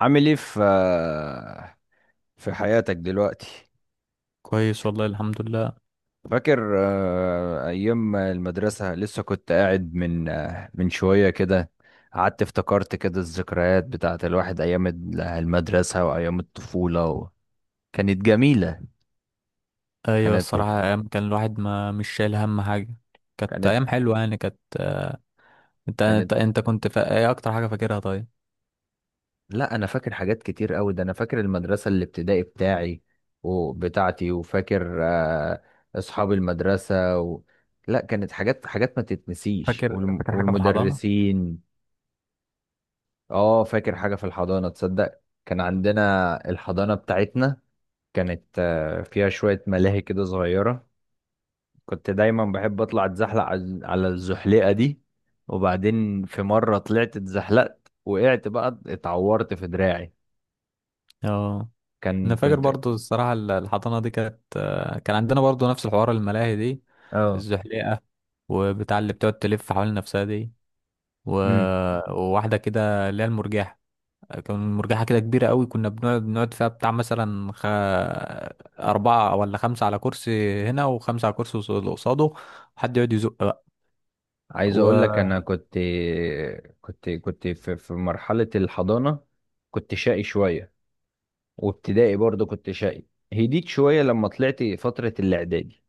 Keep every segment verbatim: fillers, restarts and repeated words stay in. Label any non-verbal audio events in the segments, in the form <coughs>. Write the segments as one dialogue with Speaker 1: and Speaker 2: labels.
Speaker 1: عامل ايه في في حياتك دلوقتي؟
Speaker 2: كويس والله الحمد لله.
Speaker 1: فاكر آه، ايام المدرسة؟ لسه كنت قاعد من آه، من شوية كده، قعدت افتكرت كده الذكريات بتاعة الواحد ايام ال- المدرسة وايام الطفولة و... كانت جميلة.
Speaker 2: ايوه
Speaker 1: كانت
Speaker 2: الصراحه ايام كان الواحد ما مش شايل هم حاجه. كانت
Speaker 1: كانت
Speaker 2: ايام حلوه يعني كانت انت
Speaker 1: كانت
Speaker 2: انت انت كنت فا... ايه اكتر حاجه فاكرها؟ طيب.
Speaker 1: لا، انا فاكر حاجات كتير قوي. ده انا فاكر المدرسه الابتدائي بتاعي وبتاعتي، وفاكر آه، اصحاب المدرسه و... لا، كانت حاجات حاجات ما تتنسيش،
Speaker 2: فاكر
Speaker 1: والم...
Speaker 2: فاكر حاجه في الحضانه.
Speaker 1: والمدرسين. اه، فاكر حاجه في الحضانه. تصدق كان عندنا الحضانه بتاعتنا كانت آه، فيها شويه ملاهي كده صغيره، كنت دايما بحب اطلع اتزحلق على على الزحليقه دي. وبعدين في مره طلعت اتزحلقت، وقعت بقى اتعورت في دراعي.
Speaker 2: اه انا
Speaker 1: كان
Speaker 2: فاكر
Speaker 1: كنت
Speaker 2: برضو الصراحه ال- الحضانه دي كانت، آه، كان عندنا برضو نفس الحوار، الملاهي دي،
Speaker 1: اه.
Speaker 2: الزحليقه، وبتاع اللي بتقعد تلف حوالين نفسها دي و...
Speaker 1: امم.
Speaker 2: وواحده كده اللي هي المرجحه. كان مرجحة كده كبيرة قوي، كنا بنقعد بنقعد فيها، بتاع مثلا خ... أربعة ولا خمسة على كرسي هنا، وخمسة على كرسي قص- اللي قصاده، وحد يقعد يزق بقى
Speaker 1: عايز اقول لك
Speaker 2: و
Speaker 1: انا كنت كنت كنت في في مرحله الحضانه كنت شقي شويه، وابتدائي برضه كنت شقي. هديت شويه لما طلعت فتره الاعدادي.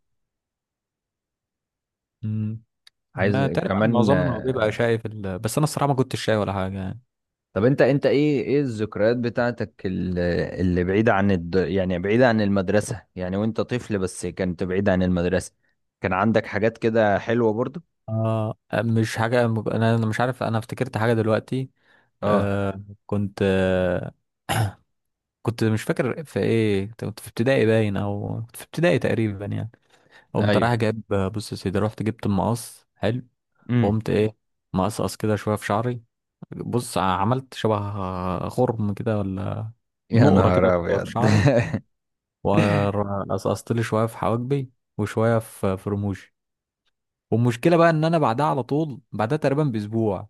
Speaker 2: مم. هنا
Speaker 1: عايز
Speaker 2: تقريبا
Speaker 1: كمان
Speaker 2: معظمنا بيبقى
Speaker 1: آه،
Speaker 2: شايف ال... بس أنا الصراحة ما كنتش شايف ولا حاجة يعني.
Speaker 1: طب انت انت ايه ايه الذكريات بتاعتك ال- اللي بعيده عن الد... يعني بعيده عن المدرسه، يعني وانت طفل، بس كنت بعيد عن المدرسه. كان عندك حاجات كده حلوه برضه؟
Speaker 2: آه مش حاجة، أنا أنا مش عارف، أنا افتكرت حاجة دلوقتي.
Speaker 1: اه.
Speaker 2: آه. كنت، آه كنت مش فاكر في إيه، كنت في ابتدائي باين أو كنت في ابتدائي تقريبا يعني، قمت
Speaker 1: ايوه.
Speaker 2: رايح جايب. بص يا سيدي، رحت جبت المقص حلو،
Speaker 1: امم.
Speaker 2: قمت ايه، مقصقص كده شويه في شعري. بص، عملت شبه غرم كده ولا
Speaker 1: يا
Speaker 2: نقره كده
Speaker 1: نهار
Speaker 2: في
Speaker 1: ابيض!
Speaker 2: شعري،
Speaker 1: <laughs>
Speaker 2: وقصقصت لي شويه في حواجبي، وشويه في في رموشي. والمشكله بقى ان انا بعدها على طول، بعدها تقريبا باسبوع،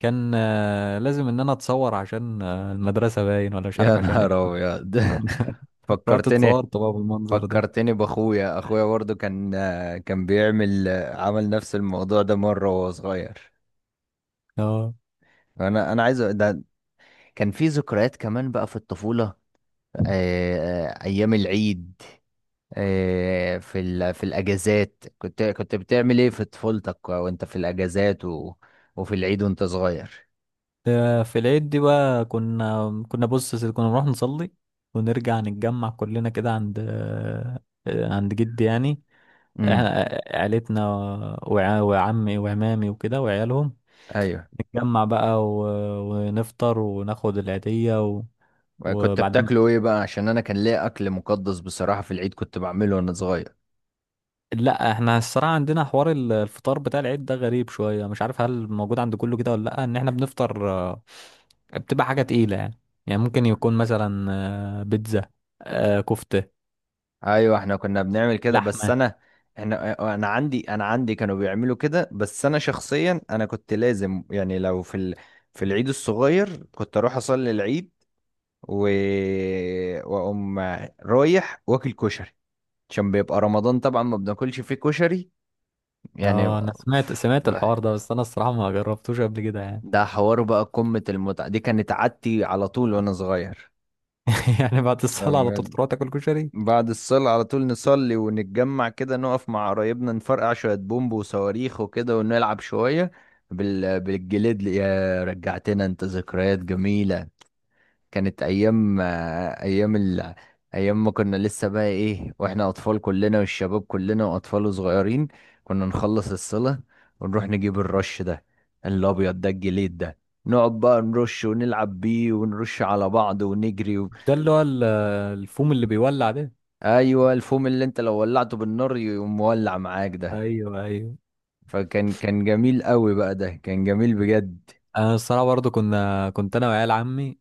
Speaker 2: كان آه، لازم ان انا اتصور عشان آه، المدرسه باين ولا مش
Speaker 1: يا
Speaker 2: عارف عشان ايه.
Speaker 1: نهار ابيض!
Speaker 2: <laughs>
Speaker 1: <laughs>
Speaker 2: رحت
Speaker 1: فكرتني،
Speaker 2: اتصورت بقى بالمنظر ده.
Speaker 1: فكرتني باخويا. اخويا برضه كان كان بيعمل عمل نفس الموضوع ده مره وهو صغير.
Speaker 2: اه.
Speaker 1: انا انا عايز أ- ده كان في ذكريات كمان بقى في الطفوله. آه، آه، ايام العيد، آه، في ال... في الاجازات، كنت كنت بتعمل ايه في طفولتك وانت في الاجازات و... وفي العيد وانت صغير؟
Speaker 2: آه، في العيد دي بقى كنا كنا بص يا سيدي، كنا نروح نصلي ونرجع نتجمع كلنا كده عند آه، آه، عند جدي يعني،
Speaker 1: امم.
Speaker 2: احنا، آه، عيلتنا وع- وعمي وعمامي وكده وعيالهم،
Speaker 1: ايوه.
Speaker 2: نتجمع بقى و- ونفطر وناخد العيدية و...
Speaker 1: كنت
Speaker 2: وبعدين.
Speaker 1: بتاكله ايه بقى؟ عشان انا كان ليا اكل مقدس بصراحه في العيد كنت بعمله وانا صغير.
Speaker 2: لا احنا الصراحة عندنا حوار ال- الفطار بتاع العيد ده غريب شوية، مش عارف هل موجود عند كله كده ولا لأ. ان احنا بنفطر، آه، بتبقى حاجة تقيلة يعني، يعني ممكن يكون مثلا آه، بيتزا، آه، كفتة،
Speaker 1: ايوه احنا كنا بنعمل كده، بس
Speaker 2: لحمة.
Speaker 1: انا احنا انا عندي انا عندي كانوا بيعملوا كده، بس انا شخصيا انا كنت لازم يعني، لو في ال... في العيد الصغير كنت اروح اصلي العيد و... واقوم رايح واكل كشري، عشان بيبقى رمضان طبعا ما بناكلش فيه كشري يعني.
Speaker 2: اه، انا سمعت سمعت الحوار ده، بس انا الصراحة ما جربتوش قبل كده يعني.
Speaker 1: ده حوار بقى قمة المتعة، دي كانت عادتي على طول وانا صغير.
Speaker 2: <laughs> يعني بعد
Speaker 1: ده
Speaker 2: الصلاة على طول
Speaker 1: بجد.
Speaker 2: تروح تاكل كشري؟
Speaker 1: بعد الصلاة على طول نصلي ونتجمع كده، نقف مع قرايبنا، نفرقع شوية بومب وصواريخ وكده، ونلعب شوية بال... بالجليد. يا رجعتنا انت! ذكريات جميلة، كانت أيام، أيام ال... أيام ما كنا لسه بقى إيه، وإحنا أطفال كلنا والشباب كلنا وأطفال صغيرين، كنا نخلص الصلاة ونروح نجيب الرش ده، الأبيض ده، الجليد ده، نقعد بقى نرش ونلعب بيه ونرش على بعض ونجري.
Speaker 2: مش ده اللي هو ال- الفوم اللي بيولع ده؟
Speaker 1: ايوه، الفوم اللي انت لو ولعته بالنار يقوم مولع معاك ده.
Speaker 2: ايوه، ايوه.
Speaker 1: فكان كان جميل قوي بقى، ده كان جميل بجد.
Speaker 2: انا الصراحة برضه كنا كنت انا وعيال عمي،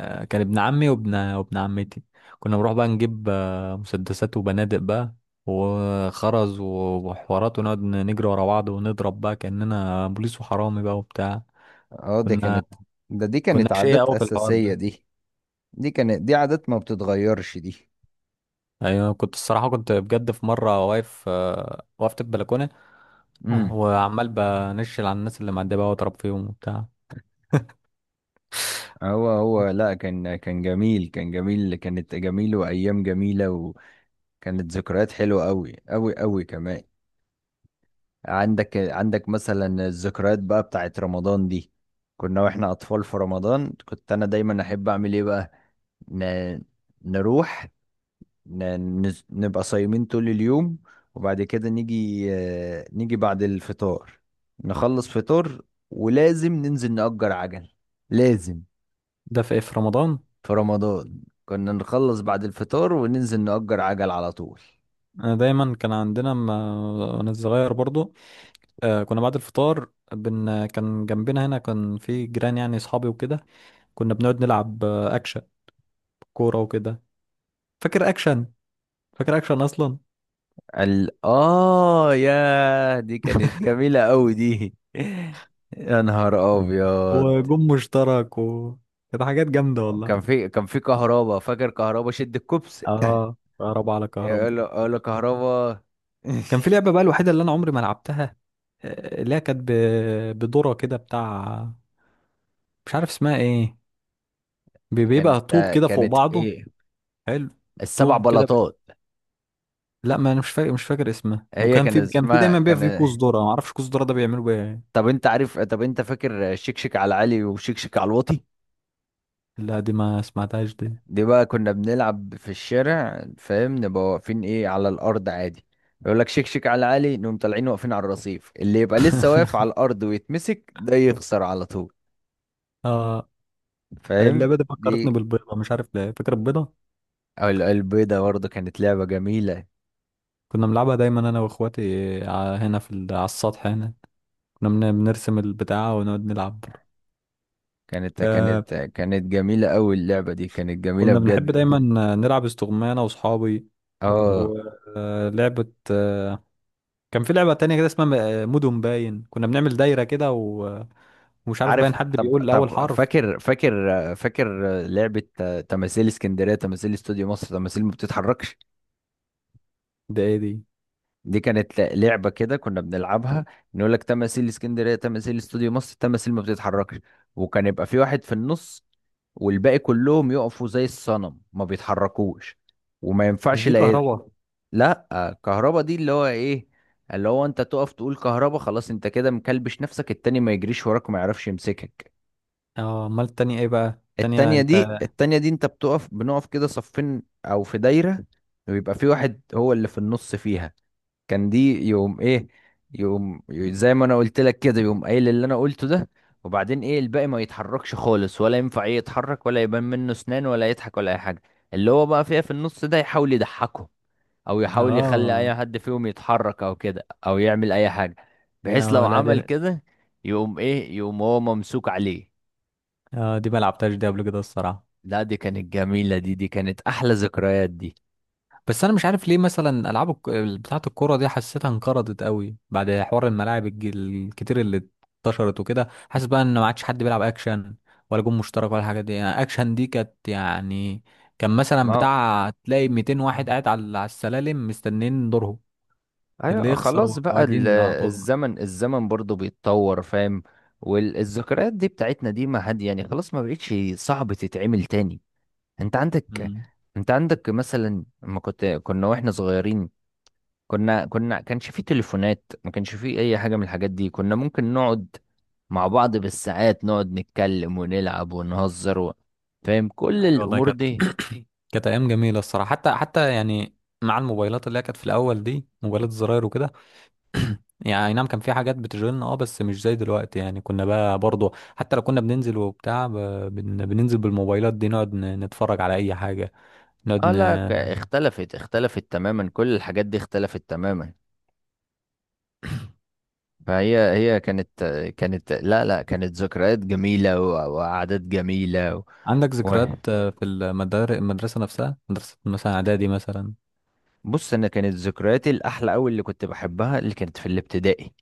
Speaker 2: آه، كان ابن عمي وابن وابن عمتي، كنا بنروح بقى نجيب آه، مسدسات وبنادق بقى وخرز وحوارات، ونقعد نجري ورا بعض ونضرب بقى كأننا بوليس وحرامي بقى وبتاع.
Speaker 1: اه دي
Speaker 2: كنا
Speaker 1: كانت، ده دي
Speaker 2: كنا
Speaker 1: كانت
Speaker 2: شقية
Speaker 1: عادات
Speaker 2: قوي في الحوار
Speaker 1: اساسيه
Speaker 2: ده.
Speaker 1: دي، دي كانت، دي عادات ما بتتغيرش دي.
Speaker 2: ايوه، كنت الصراحة، كنت بجد في مرة واقف، آه، وقفت البلكونة
Speaker 1: امم.
Speaker 2: وعمال بنشل على الناس اللي معدية بقى واضرب فيهم وبتاع.
Speaker 1: هو هو لا، كان كان جميل، كان جميل، كانت جميل وايام جميله، وكانت ذكريات حلوه قوي قوي قوي كمان. عندك عندك مثلا الذكريات بقى بتاعت رمضان دي، كنا واحنا اطفال في رمضان كنت انا دايما احب اعمل ايه بقى، ن... نروح، ن... نز- نبقى صايمين طول اليوم، وبعد كده نيجي آه، نيجي بعد الفطار، نخلص فطار، ولازم ننزل نأجر عجل. لازم
Speaker 2: ده في إيه، في رمضان؟
Speaker 1: في رمضان كنا نخلص بعد الفطار وننزل نأجر عجل على طول.
Speaker 2: انا دايما كان عندنا ما- وانا صغير برضو، آه كنا بعد الفطار، بن... كان جنبنا هنا كان في جيران يعني اصحابي وكده. كنا بنقعد نلعب آه، اكشن، كوره وكده. فاكر اكشن؟ فاكر اكشن اصلا؟
Speaker 1: ال... آه يا دي كانت جميلة أوي دي. <laughs> يا نهار أبيض!
Speaker 2: وجم مشترك و كانت حاجات جامده والله.
Speaker 1: كان في كان في كهربا. فاكر كهربا؟ شد الكوبس،
Speaker 2: اه، كهرباء على
Speaker 1: يقول
Speaker 2: كهرباء.
Speaker 1: له يقول له كهربا.
Speaker 2: كان
Speaker 1: <laughs>
Speaker 2: في لعبه بقى الوحيده اللي انا عمري ما لعبتها، آه، اللي هي كانت ب... بدوره كده بتاع، مش عارف اسمها ايه. بي-
Speaker 1: كانت
Speaker 2: بيبقى طوب
Speaker 1: آه،
Speaker 2: كده فوق
Speaker 1: كانت
Speaker 2: بعضه.
Speaker 1: ايه،
Speaker 2: حلو.
Speaker 1: السبع
Speaker 2: طوب كده ب...
Speaker 1: بلاطات.
Speaker 2: لا ما انا مش فاكر مش فاكر اسمه.
Speaker 1: هي
Speaker 2: وكان
Speaker 1: كان
Speaker 2: في كان في
Speaker 1: اسمها
Speaker 2: دايما بيبقى
Speaker 1: كان
Speaker 2: في كوز ذره، ما اعرفش كوز ذره ده بيعملوا بيه.
Speaker 1: طب انت عارف، طب انت فاكر شكشك على العالي وشكشك على الواطي؟
Speaker 2: لا دي ما سمعتهاش دي.
Speaker 1: دي بقى كنا بنلعب في الشارع، فاهم، نبقى واقفين ايه على الارض عادي، يقول لك شكشك على العالي، نقوم طالعين واقفين على الرصيف، اللي يبقى لسه واقف على
Speaker 2: <laughs>
Speaker 1: الارض ويتمسك ده يخسر على طول.
Speaker 2: اه،
Speaker 1: فاهم
Speaker 2: اللعبة دي فكرتني
Speaker 1: دي؟
Speaker 2: بالبيضة، مش عارف ليه، فاكر البيضة.
Speaker 1: او ال- البيضة برضه كانت لعبة جميلة.
Speaker 2: كنا بنلعبها دايما انا واخواتي ع- هنا في ال- على السطح هنا. كنا بن- بنرسم البتاعة ونقعد نلعب برضه.
Speaker 1: كانت
Speaker 2: آه.
Speaker 1: كانت كانت جميلة أوي اللعبة دي، كانت جميلة
Speaker 2: كنا بنحب دايما
Speaker 1: بجد.
Speaker 2: نلعب استغمانة انا واصحابي
Speaker 1: اه،
Speaker 2: ولعبة آه كان في لعبة تانية كده اسمها م- مدن باين، كنا بنعمل دايرة كده و- ومش عارف
Speaker 1: عارف،
Speaker 2: باين حد
Speaker 1: طب
Speaker 2: بيقول اول
Speaker 1: طب،
Speaker 2: حرف.
Speaker 1: فاكر فاكر فاكر لعبة تماثيل اسكندرية، تماثيل استوديو مصر، تماثيل ما بتتحركش؟
Speaker 2: ده ايه دي؟
Speaker 1: دي كانت ل- لعبة كده كنا بنلعبها، نقول لك تماثيل اسكندرية، تماثيل استوديو مصر، تماثيل ما بتتحركش، وكان يبقى في واحد في النص، والباقي كلهم يقفوا زي الصنم ما بيتحركوش، وما
Speaker 2: مش
Speaker 1: ينفعش
Speaker 2: دي
Speaker 1: لا ي-
Speaker 2: كهربا؟
Speaker 1: لا. كهربا دي اللي هو ايه، اللي هو انت تقف تقول كهربا، خلاص انت كده مكلبش نفسك، التاني ما يجريش وراك وما يعرفش يمسكك.
Speaker 2: اه، امال التانية ايه بقى، التانية
Speaker 1: التانية دي
Speaker 2: انت.
Speaker 1: التانية دي انت بتقف، بنقف كده صفين او في دايرة، ويبقى في واحد هو اللي في النص فيها، كان دي يوم ايه، يوم ي- زي ما انا قلت لك كده، يوم قايل اللي انا قلته ده، وبعدين ايه، الباقي ما يتحركش خالص، ولا ينفع ايه، يتحرك ولا يبان منه اسنان ولا يضحك ولا اي حاجة، اللي هو بقى فيها في النص ده يحاول يضحكه او يحاول يخلي
Speaker 2: اه،
Speaker 1: اي حد فيهم يتحرك او كده، او يعمل اي حاجة، بحيث لو
Speaker 2: اه، لا دي.
Speaker 1: عمل كده يقوم ايه، يقوم هو ممسوك عليه.
Speaker 2: اه، دي ما لعبتهاش دي قبل كده الصراحة.
Speaker 1: لا دي كانت جميلة، دي دي كانت أحلى ذكريات دي.
Speaker 2: بس انا مش عارف ليه مثلا العاب الك... بتاعة الكورة دي حسيتها انقرضت قوي بعد حوار الملاعب الج- الكتير اللي انتشرت وكده. حاسس بقى ان ما عادش حد بيلعب اكشن ولا جون مشترك ولا الحاجات دي يعني. اكشن دي كانت يعني كان مثلا
Speaker 1: ما
Speaker 2: بتاع تلاقي مئتين واحد قاعد على على السلالم مستنيين دورهم، اللي
Speaker 1: أيوة
Speaker 2: يخسر
Speaker 1: خلاص بقى
Speaker 2: واحد
Speaker 1: ال-
Speaker 2: ينزل على طول.
Speaker 1: الزمن، الزمن برضو بيتطور فاهم، والذكريات دي بتاعتنا دي ما حد يعني، خلاص ما بقتش صعب تتعمل تاني. أنت عندك
Speaker 2: امم.
Speaker 1: أنت عندك مثلا لما كنت كنا وإحنا صغيرين، كنا كنا كانش فيه تليفونات، ما كانش فيه أي حاجة من الحاجات دي، كنا ممكن نقعد مع بعض بالساعات، نقعد نتكلم ونلعب ونهزر و... فاهم كل
Speaker 2: ايوه والله،
Speaker 1: الأمور
Speaker 2: كانت
Speaker 1: دي؟
Speaker 2: <coughs> كانت ايام جميلة الصراحة. حتى، حتى يعني مع الموبايلات اللي هي كانت في الاول دي، موبايلات الزراير وكده. <clears throat> يعني أي نعم كان في حاجات بتشغلنا، اه، بس مش زي دلوقتي يعني. كنا بقى برضه حتى لو كنا بننزل وبتاع، ب- بن- بننزل بالموبايلات دي، نقعد ن- نتفرج على اي حاجة، نقعد
Speaker 1: اه
Speaker 2: ن...
Speaker 1: لا، ك- اختلفت، اختلفت تماما كل الحاجات دي اختلفت تماما. فهي هي كانت، كانت، لا لا كانت ذكريات جميلة و- وقعدات جميلة و...
Speaker 2: عندك ذكريات، آه، في المدار... المدرسة نفسها، مدرسة مثلا اعدادي مثلا؟
Speaker 1: بص، انا كانت ذكرياتي الاحلى قوي، اللي كنت بحبها، اللي كانت في الابتدائي.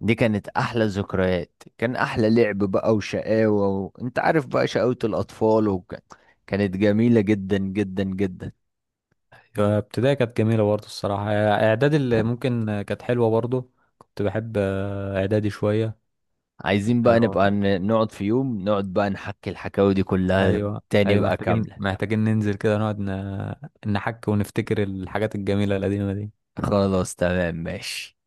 Speaker 1: دي كانت احلى ذكريات، كان احلى لعب بقى وشقاوة و... انت عارف بقى شقاوة الاطفال وك... كانت جميلة جدا جدا جدا.
Speaker 2: آه، ابتدائي كانت جميلة برضه الصراحة. آه، اعدادي اللي ممكن آه، كانت حلوة برضه. كنت بحب آه، اعدادي شوية.
Speaker 1: عايزين بقى
Speaker 2: آه،
Speaker 1: نبقى ن- نقعد في يوم نقعد بقى نحكي الحكاوي دي كلها
Speaker 2: ايوه،
Speaker 1: تاني
Speaker 2: ايوه،
Speaker 1: بقى
Speaker 2: محتاجين
Speaker 1: كاملة.
Speaker 2: محتاجين ننزل كده نقعد ن... نحك ونفتكر الحاجات الجميلة القديمة دي.
Speaker 1: خلاص، تمام، ماشي.